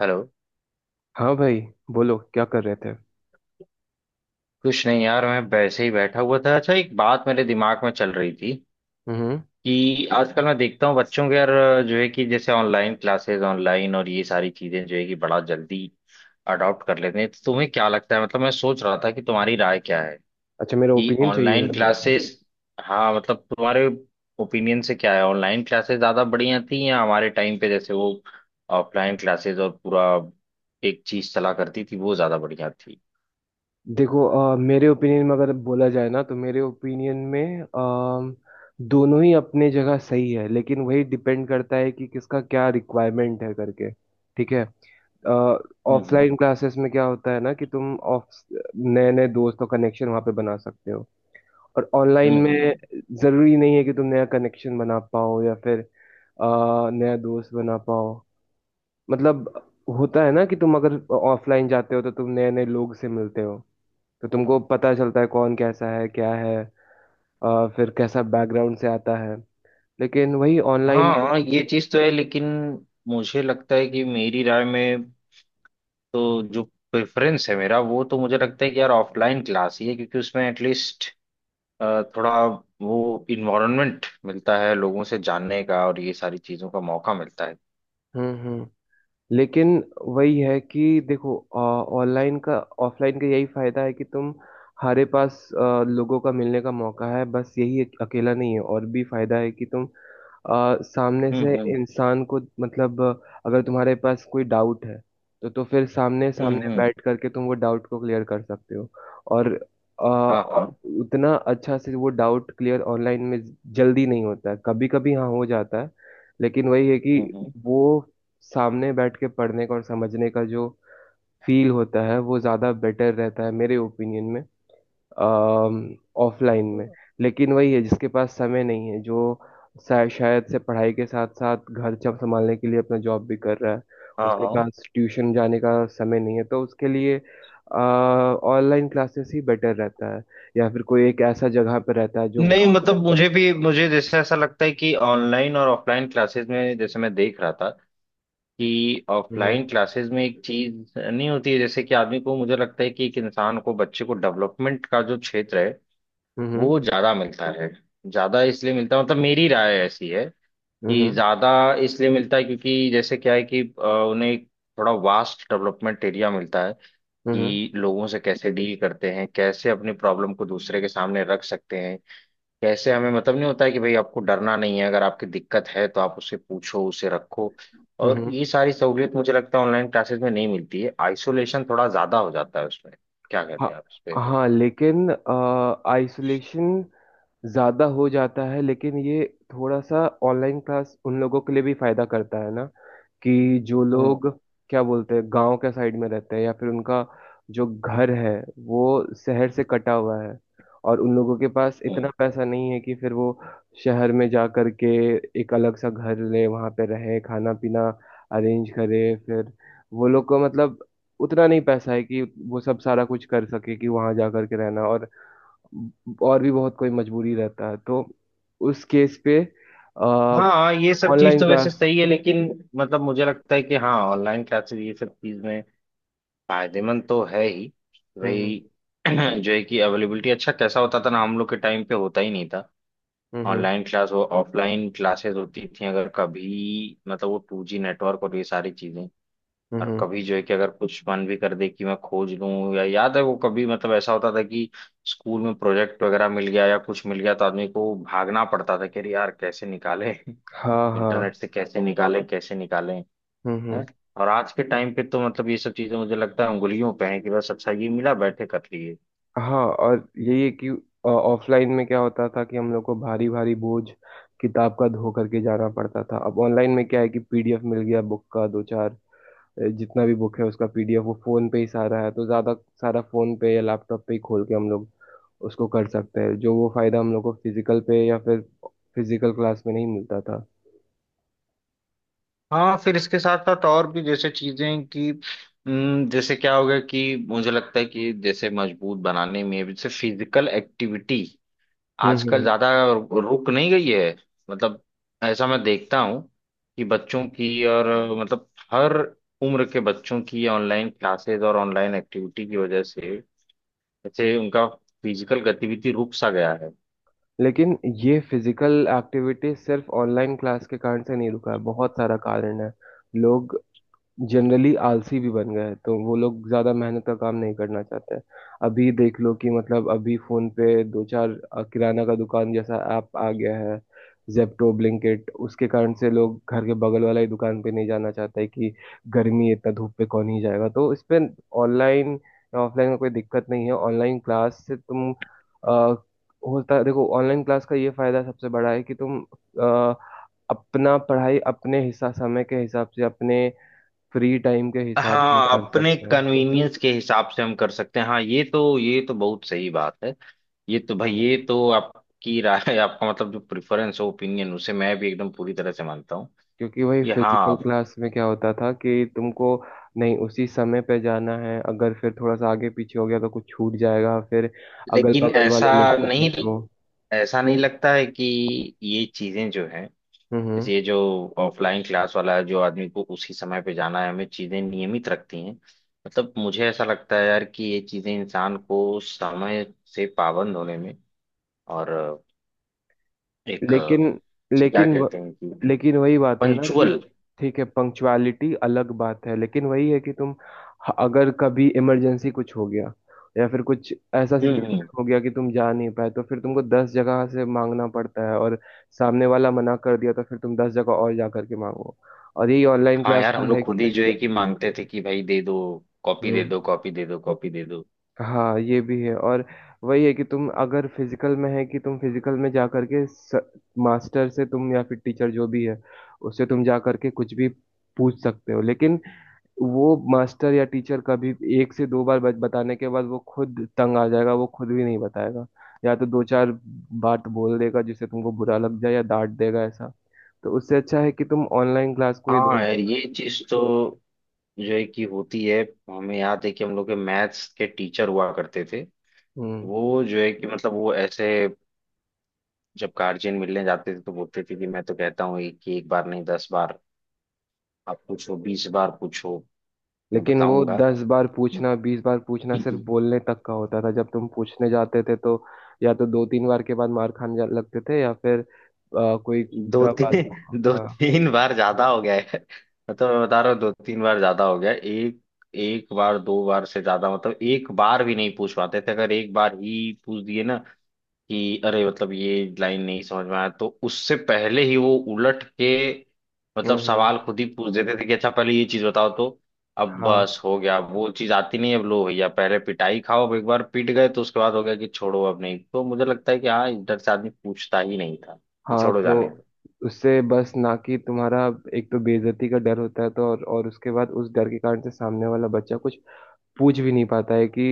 Hello. हाँ भाई, बोलो क्या कर रहे थे। कुछ नहीं यार, मैं वैसे ही बैठा हुआ था। अच्छा, एक बात मेरे दिमाग में चल रही थी हम्म। कि आजकल मैं देखता हूँ बच्चों के, यार जो है कि जैसे ऑनलाइन क्लासेस ऑनलाइन और ये सारी चीजें जो है कि बड़ा जल्दी अडॉप्ट कर लेते हैं। तो तुम्हें क्या लगता है, मतलब मैं सोच रहा था कि तुम्हारी राय क्या है अच्छा, मेरा कि ओपिनियन चाहिए था ऑनलाइन तुम्हें इसमें। क्लासेस। हाँ, मतलब तुम्हारे ओपिनियन से क्या है, ऑनलाइन क्लासेस ज्यादा बढ़िया थी या हमारे टाइम पे जैसे वो ऑफलाइन क्लासेस और पूरा एक चीज चला करती थी वो ज्यादा बढ़िया थी। देखो, मेरे ओपिनियन में अगर बोला जाए ना, तो मेरे ओपिनियन में दोनों ही अपने जगह सही है, लेकिन वही डिपेंड करता है कि किसका क्या रिक्वायरमेंट है करके। ठीक है। ऑफलाइन हम्म। क्लासेस में क्या होता है ना कि तुम ऑफ नए नए दोस्त और कनेक्शन वहाँ पे बना सकते हो। और ऑनलाइन हम्म हम्म। में जरूरी नहीं है कि तुम नया कनेक्शन बना पाओ या फिर अ, नया दोस्त बना पाओ। मतलब होता है ना कि तुम अगर ऑफलाइन जाते हो तो तुम नए नए लोग से मिलते हो, तो तुमको पता चलता है कौन कैसा है क्या है, फिर कैसा बैकग्राउंड से आता है। लेकिन वही ऑनलाइन। हाँ, ये चीज तो है लेकिन मुझे लगता है कि मेरी राय में तो जो प्रेफरेंस है मेरा वो तो मुझे लगता है कि यार ऑफलाइन क्लास ही है, क्योंकि उसमें एटलीस्ट थोड़ा वो इन्वायरमेंट मिलता है लोगों से जानने का, और ये सारी चीजों का मौका मिलता है। हम्म, हम्म। लेकिन वही है कि देखो, ऑनलाइन का ऑफलाइन का यही फायदा है कि तुम, हमारे पास लोगों का मिलने का मौका है, बस यही अकेला नहीं है, और भी फायदा है कि तुम सामने से हम्म। इंसान को, मतलब अगर तुम्हारे पास कोई डाउट है तो फिर सामने सामने हम्म। बैठ करके तुम वो डाउट को क्लियर कर सकते हो। और अ, हाँ हाँ। उतना अच्छा से वो डाउट क्लियर ऑनलाइन में जल्दी नहीं होता है, कभी कभी हाँ हो जाता है, लेकिन वही है कि हम्म वो सामने बैठ के पढ़ने का और समझने का जो फील होता है वो ज़्यादा बेटर रहता है मेरे ओपिनियन में, ऑफलाइन में। हम्म। लेकिन वही है, जिसके पास समय नहीं है, जो शायद से पढ़ाई के साथ साथ घर जब संभालने के लिए अपना जॉब भी कर रहा है, हाँ उसके हाँ। पास ट्यूशन जाने का समय नहीं है, तो उसके लिए ऑनलाइन क्लासेस ही बेटर रहता है। या फिर कोई एक ऐसा जगह पर रहता है जो नहीं, गाँव। मतलब मुझे भी मुझे जैसे ऐसा लगता है कि ऑनलाइन और ऑफलाइन क्लासेस में, जैसे मैं देख रहा था कि हम्म, ऑफलाइन क्लासेस में एक चीज नहीं होती है, जैसे कि आदमी को, मुझे लगता है कि एक इंसान को, बच्चे को डेवलपमेंट का जो क्षेत्र है हम्म, वो ज्यादा मिलता है। ज्यादा इसलिए मिलता है, मतलब मेरी राय ऐसी है कि हम्म, ज्यादा इसलिए मिलता है क्योंकि जैसे क्या है कि उन्हें एक थोड़ा वास्ट डेवलपमेंट एरिया मिलता है हम्म, कि लोगों से कैसे डील करते हैं, कैसे अपनी प्रॉब्लम को दूसरे के सामने रख सकते हैं, कैसे हमें, मतलब नहीं होता है कि भाई आपको डरना नहीं है, अगर आपकी दिक्कत है तो आप उसे पूछो, उसे रखो। और हम्म। ये सारी सहूलियत मुझे लगता है ऑनलाइन क्लासेस में नहीं मिलती है, आइसोलेशन थोड़ा ज्यादा हो जाता है उसमें। क्या हाँ, कहते हैं आप इस पे? हाँ, लेकिन आइसोलेशन ज़्यादा हो जाता है, लेकिन ये थोड़ा सा ऑनलाइन क्लास उन लोगों के लिए भी फ़ायदा करता है ना, कि जो हम्म। लोग, क्या बोलते हैं, गांव के साइड में रहते हैं या फिर उनका जो घर है वो शहर से कटा हुआ है, और उन लोगों के पास इतना पैसा नहीं है कि फिर वो शहर में जा करके एक अलग सा घर ले, वहां पे रहे, खाना पीना अरेंज करे, फिर वो लोग को मतलब उतना नहीं पैसा है कि वो सब सारा कुछ कर सके कि वहां जा करके रहना, और भी बहुत कोई मजबूरी रहता है, तो उस केस पे हाँ, ये सब चीज ऑनलाइन तो वैसे क्लास। सही है लेकिन मतलब मुझे लगता है कि हाँ, ऑनलाइन क्लासेस ये सब चीज में फायदेमंद तो है ही, हम्म, भाई। जो है कि अवेलेबिलिटी अच्छा कैसा होता था ना, हम लोग के टाइम पे होता ही नहीं था। हम्म, हम्म, ऑनलाइन क्लास हो, ऑफलाइन क्लासेस होती थी अगर कभी, मतलब वो टू जी नेटवर्क और ये सारी चीजें। हम्म, और हम्म। कभी जो है कि अगर कुछ मन भी कर दे कि मैं खोज लूं, या याद है वो कभी, मतलब ऐसा होता था कि स्कूल में प्रोजेक्ट वगैरह मिल गया या कुछ मिल गया तो आदमी को भागना पड़ता था कि अरे यार कैसे निकाले हाँ, हाँ। इंटरनेट से, कैसे निकाले, कैसे निकाले हम्म, हम्म। हैं। और आज के टाइम पे तो मतलब ये सब चीजें मुझे लगता है उंगलियों पे है कि बस अच्छा ये मिला, बैठे कर लिए। हाँ, और यही है कि ऑफलाइन में क्या होता था कि हम लोग को भारी भारी बोझ किताब का धो करके जाना पड़ता था, अब ऑनलाइन में क्या है कि पीडीएफ मिल गया बुक का, दो चार जितना भी बुक है उसका पीडीएफ वो फोन पे ही सारा है, तो ज्यादा सारा फोन पे या लैपटॉप पे ही खोल के हम लोग उसको कर सकते हैं, जो वो फायदा हम लोग को फिजिकल पे या फिर फिजिकल क्लास में नहीं मिलता था। हाँ, फिर इसके साथ साथ और भी जैसे चीजें कि जैसे क्या होगा कि मुझे लगता है कि जैसे मजबूत बनाने में जैसे फिजिकल एक्टिविटी हम्म, आजकल हम्म। ज्यादा रुक नहीं गई है, मतलब ऐसा मैं देखता हूँ कि बच्चों की और मतलब हर उम्र के बच्चों की ऑनलाइन क्लासेस और ऑनलाइन एक्टिविटी की वजह से जैसे उनका फिजिकल गतिविधि रुक सा गया है। लेकिन ये फिजिकल एक्टिविटी सिर्फ ऑनलाइन क्लास के कारण से नहीं रुका है, बहुत सारा कारण है। लोग जनरली आलसी भी बन गए हैं, तो वो लोग ज्यादा मेहनत का काम नहीं करना चाहते हैं। अभी देख लो कि मतलब अभी फोन पे दो चार किराना का दुकान जैसा ऐप आ गया है, जेप्टो, ब्लिंकिट, उसके कारण से लोग घर के बगल वाला ही दुकान पे नहीं जाना चाहते हैं कि गर्मी है, इतना धूप पे कौन ही जाएगा। तो इस पे ऑनलाइन या ऑफलाइन का कोई दिक्कत नहीं है। ऑनलाइन क्लास से तुम आ, होता, देखो, ऑनलाइन क्लास का ये फायदा सबसे बड़ा है कि तुम अ, अपना पढ़ाई अपने हिसाब, समय के हिसाब से, अपने फ्री टाइम के हिसाब से हाँ, कर अपने सकते हैं। कन्वीनियंस के हिसाब से हम कर सकते हैं, हाँ, ये तो बहुत सही बात है। ये तो भाई, हम्म, ये तो आपकी राय है, आपका मतलब जो प्रेफरेंस हो, ओपिनियन, उसे मैं भी एकदम पूरी तरह से मानता हूँ। क्योंकि वही ये फिजिकल हाँ। क्लास में क्या होता था कि तुमको नहीं उसी समय पे जाना है, अगर फिर थोड़ा सा आगे पीछे हो गया तो कुछ छूट जाएगा, फिर अगल लेकिन बगल वाले लोग से नहीं पूछो। ऐसा नहीं लगता है कि ये चीजें जो हैं, हम्म। जैसे ये जो ऑफलाइन क्लास वाला है, जो आदमी को उसी समय पे जाना है, हमें चीजें नियमित रखती हैं। मतलब मुझे ऐसा लगता है यार कि ये चीजें इंसान को समय से पाबंद होने में और एक लेकिन से क्या लेकिन व, कहते हैं कि लेकिन वही बात है ना कि पंचुअल। ठीक है, पंक्चुअलिटी अलग बात है, लेकिन वही है कि तुम अगर कभी इमरजेंसी कुछ हो गया या फिर कुछ ऐसा हम्म हम्म। सिचुएशन हो गया कि तुम जा नहीं पाए, तो फिर तुमको 10 जगह से मांगना पड़ता है, और सामने वाला मना कर दिया तो फिर तुम 10 जगह और जा करके मांगो। और यही ऑनलाइन हाँ क्लास यार, हम का है लोग खुद ही कि, जो है कि मांगते थे कि भाई दे दो, कॉपी दे हम्म। दो, कॉपी दे दो, कॉपी दे दो। हाँ, ये भी है। और वही है कि तुम अगर फिजिकल में है कि तुम फिजिकल में जा करके मास्टर से तुम या फिर टीचर, जो भी है, उससे तुम जा करके कुछ भी पूछ सकते हो, लेकिन वो मास्टर या टीचर कभी एक से दो बार बताने के बाद वो खुद तंग आ जाएगा, वो खुद भी नहीं बताएगा, या तो दो चार बात बोल देगा जिससे तुमको बुरा लग जाए, या डांट देगा ऐसा। तो उससे अच्छा है कि तुम ऑनलाइन क्लास को ही हाँ दो। यार, ये चीज तो जो है कि होती है, हमें याद है कि हम लोग के मैथ्स के टीचर हुआ करते थे। हम्म। वो जो है कि मतलब वो ऐसे जब गार्जियन मिलने जाते थे तो बोलते थे कि मैं तो कहता हूँ एक कि, एक बार नहीं दस बार आप पूछो, बीस बार पूछो, मैं लेकिन वो बताऊंगा। 10 बार पूछना, 20 बार पूछना सिर्फ बोलने तक का होता था, जब तुम पूछने जाते थे तो या तो दो तीन बार के बाद मार खाने लगते थे, या फिर कोई दो बुरा बात। तीन दो हाँ। तीन बार ज्यादा हो गया है, मतलब मैं बता रहा हूँ दो तीन बार ज्यादा हो गया है। एक एक बार दो बार से ज्यादा, मतलब एक बार भी नहीं पूछ पाते थे। अगर एक बार ही पूछ दिए ना कि अरे मतलब ये लाइन नहीं समझ में आया, तो उससे पहले ही वो उलट के मतलब हम्म, सवाल खुद ही पूछ देते थे कि अच्छा पहले ये चीज बताओ तो। अब हाँ, बस हो गया, अब वो चीज आती नहीं है, अब लो भैया पहले पिटाई खाओ, अब एक बार पिट गए तो उसके बाद हो गया कि छोड़ो, अब नहीं। तो मुझे लगता है कि हाँ, इधर से आदमी पूछता ही नहीं था कि हाँ, छोड़ो, तो जाने दो। उससे बस ना कि तुम्हारा एक तो बेइज्जती का डर होता है, तो और उसके बाद उस डर के कारण से सामने वाला बच्चा कुछ पूछ भी नहीं पाता है कि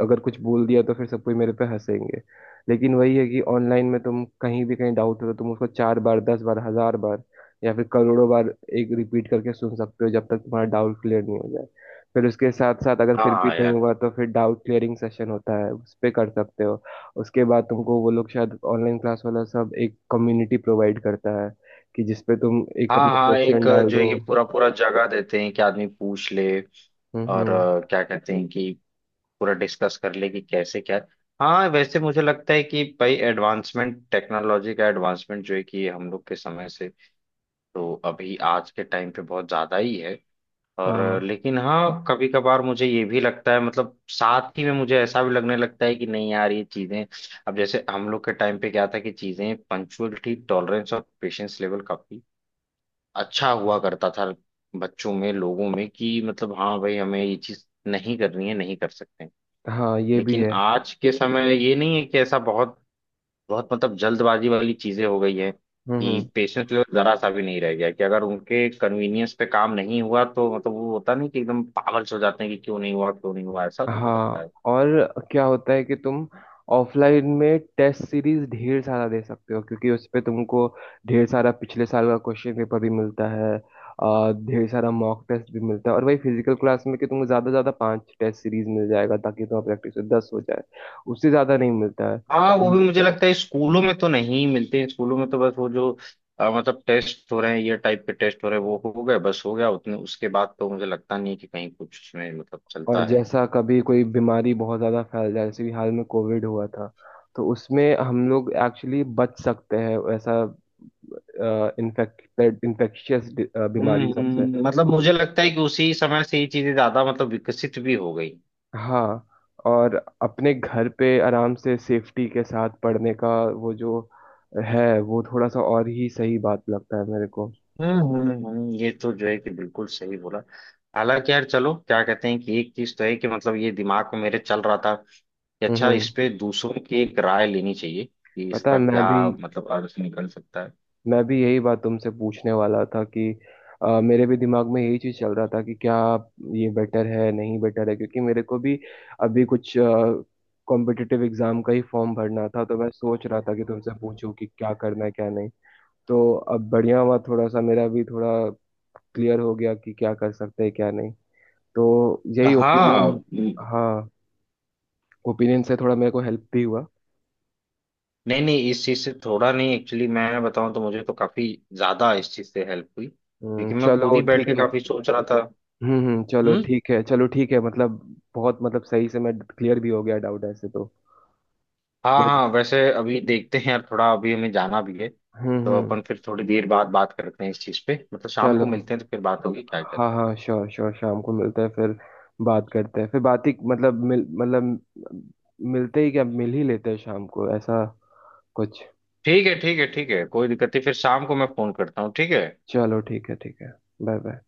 अगर कुछ बोल दिया तो फिर सब कोई मेरे पे हंसेंगे। लेकिन वही है कि ऑनलाइन में तुम कहीं भी कहीं डाउट हो तो तुम उसको चार बार, 10 बार, 1000 बार, या फिर करोड़ों बार एक रिपीट करके सुन सकते हो जब तक तुम्हारा डाउट क्लियर नहीं हो जाए। फिर उसके साथ साथ अगर फिर भी हाँ नहीं यार। हुआ तो फिर डाउट क्लियरिंग सेशन होता है, उस पे कर सकते हो। उसके बाद तुमको वो लोग, शायद ऑनलाइन क्लास वाला सब एक कम्युनिटी प्रोवाइड करता है कि जिसपे तुम एक हाँ अपना हाँ, एक क्वेश्चन डाल जो दो। ये पूरा पूरा जगह देते हैं कि आदमी पूछ ले हम्म, और हम्म। क्या कहते हैं कि पूरा डिस्कस कर ले कि कैसे क्या। हाँ वैसे मुझे लगता है कि भाई, एडवांसमेंट, टेक्नोलॉजी का एडवांसमेंट जो है कि हम लोग के समय से तो अभी आज के टाइम पे बहुत ज्यादा ही है। और हाँ, लेकिन हाँ कभी कभार मुझे ये भी लगता है, मतलब साथ ही में मुझे ऐसा भी लगने लगता है कि नहीं यार, ये चीजें अब जैसे हम लोग के टाइम पे क्या था कि चीजें, पंक्चुअलिटी, टॉलरेंस और पेशेंस लेवल काफी अच्छा हुआ करता था बच्चों में, लोगों में, कि मतलब हाँ भाई, हमें ये चीज नहीं करनी है, नहीं कर सकते। हाँ, ये भी लेकिन है। आज के समय ये नहीं है कि ऐसा, बहुत बहुत मतलब जल्दबाजी वाली चीजें हो गई है हम्म। कि पेशेंस लेवल जरा सा भी नहीं रह गया, कि अगर उनके कन्वीनियंस पे काम नहीं हुआ तो मतलब वो होता नहीं, कि एकदम पागल से हो जाते हैं कि क्यों नहीं हुआ, क्यों नहीं हुआ, ऐसा मुझे लगता हाँ, है। और क्या होता है कि तुम ऑफलाइन में टेस्ट सीरीज ढेर सारा दे सकते हो, क्योंकि उस पे तुमको ढेर सारा पिछले साल का क्वेश्चन पेपर भी मिलता है, ढेर सारा मॉक टेस्ट भी मिलता है। और वही फिजिकल क्लास में कि तुमको ज़्यादा से ज़्यादा पांच टेस्ट सीरीज मिल जाएगा, ताकि तुम्हारा प्रैक्टिस 10 हो जाए, उससे ज़्यादा नहीं मिलता है। हाँ वो भी मुझे लगता है स्कूलों में तो नहीं मिलते हैं, स्कूलों में तो बस वो जो मतलब टेस्ट हो रहे हैं, ये टाइप के टेस्ट हो रहे हैं वो हो गए, बस हो गया उतने, उसके बाद तो मुझे लगता नहीं है कि कहीं कुछ उसमें मतलब और चलता है। जैसा कभी कोई बीमारी बहुत ज़्यादा फैल जाए, जैसे कि हाल में कोविड हुआ था, तो उसमें हम लोग एक्चुअली बच सकते हैं, ऐसा इन्फेक्ट इन्फेक्शियस बीमारी सबसे। मतलब मुझे लगता है कि उसी समय से ये चीजें ज्यादा मतलब विकसित भी हो गई। हाँ, और अपने घर पे आराम से सेफ्टी के साथ पढ़ने का वो जो है वो थोड़ा सा और ही सही बात लगता है मेरे को। ये तो जो है कि बिल्कुल सही बोला। हालांकि यार चलो क्या कहते हैं कि एक चीज तो है कि मतलब ये दिमाग में मेरे चल रहा था कि अच्छा, हम्म। इस पे दूसरों की एक राय लेनी चाहिए कि पता है, इसका मैं क्या भी मतलब अर्थ निकल सकता है। मैं भी यही बात तुमसे पूछने वाला था कि मेरे भी दिमाग में यही चीज चल रहा था कि क्या ये बेटर है नहीं बेटर है, क्योंकि मेरे को भी अभी कुछ कॉम्पिटिटिव एग्जाम का ही फॉर्म भरना था, तो मैं सोच रहा था कि तुमसे पूछूं कि क्या करना है क्या नहीं। तो अब बढ़िया हुआ, थोड़ा सा मेरा भी थोड़ा क्लियर हो गया कि क्या कर सकते हैं क्या नहीं, तो यही हाँ ओपिनियन। हम्म। हाँ। ओपिनियन से थोड़ा मेरे को हेल्प भी हुआ। नहीं नहीं, इस चीज से थोड़ा नहीं एक्चुअली, मैं बताऊं तो मुझे तो काफी ज्यादा इस चीज से हेल्प हुई क्योंकि मैं खुद चलो ही बैठ ठीक के है। काफी सोच रहा था। चलो हम्म। ठीक है, चलो ठीक है, मतलब बहुत, मतलब सही से मैं क्लियर भी हो गया डाउट ऐसे, तो हाँ नहीं तो। हाँ, वैसे अभी देखते हैं यार, थोड़ा अभी हमें जाना भी है हम्म, तो हम्म। अपन फिर थोड़ी देर बाद बात करते हैं इस चीज पे, मतलब शाम चलो। को मिलते हैं तो फिर बात होगी, क्या कहते हैं। हाँ, हाँ, श्योर, श्योर, शाम को मिलते हैं, फिर बात करते हैं, फिर बात ही मतलब, मिल मतलब, मिलते ही क्या, मिल ही लेते हैं शाम को ऐसा कुछ। ठीक है ठीक है, ठीक है कोई दिक्कत नहीं, फिर शाम को मैं फोन करता हूँ, ठीक है। चलो ठीक है, ठीक है। Bye bye.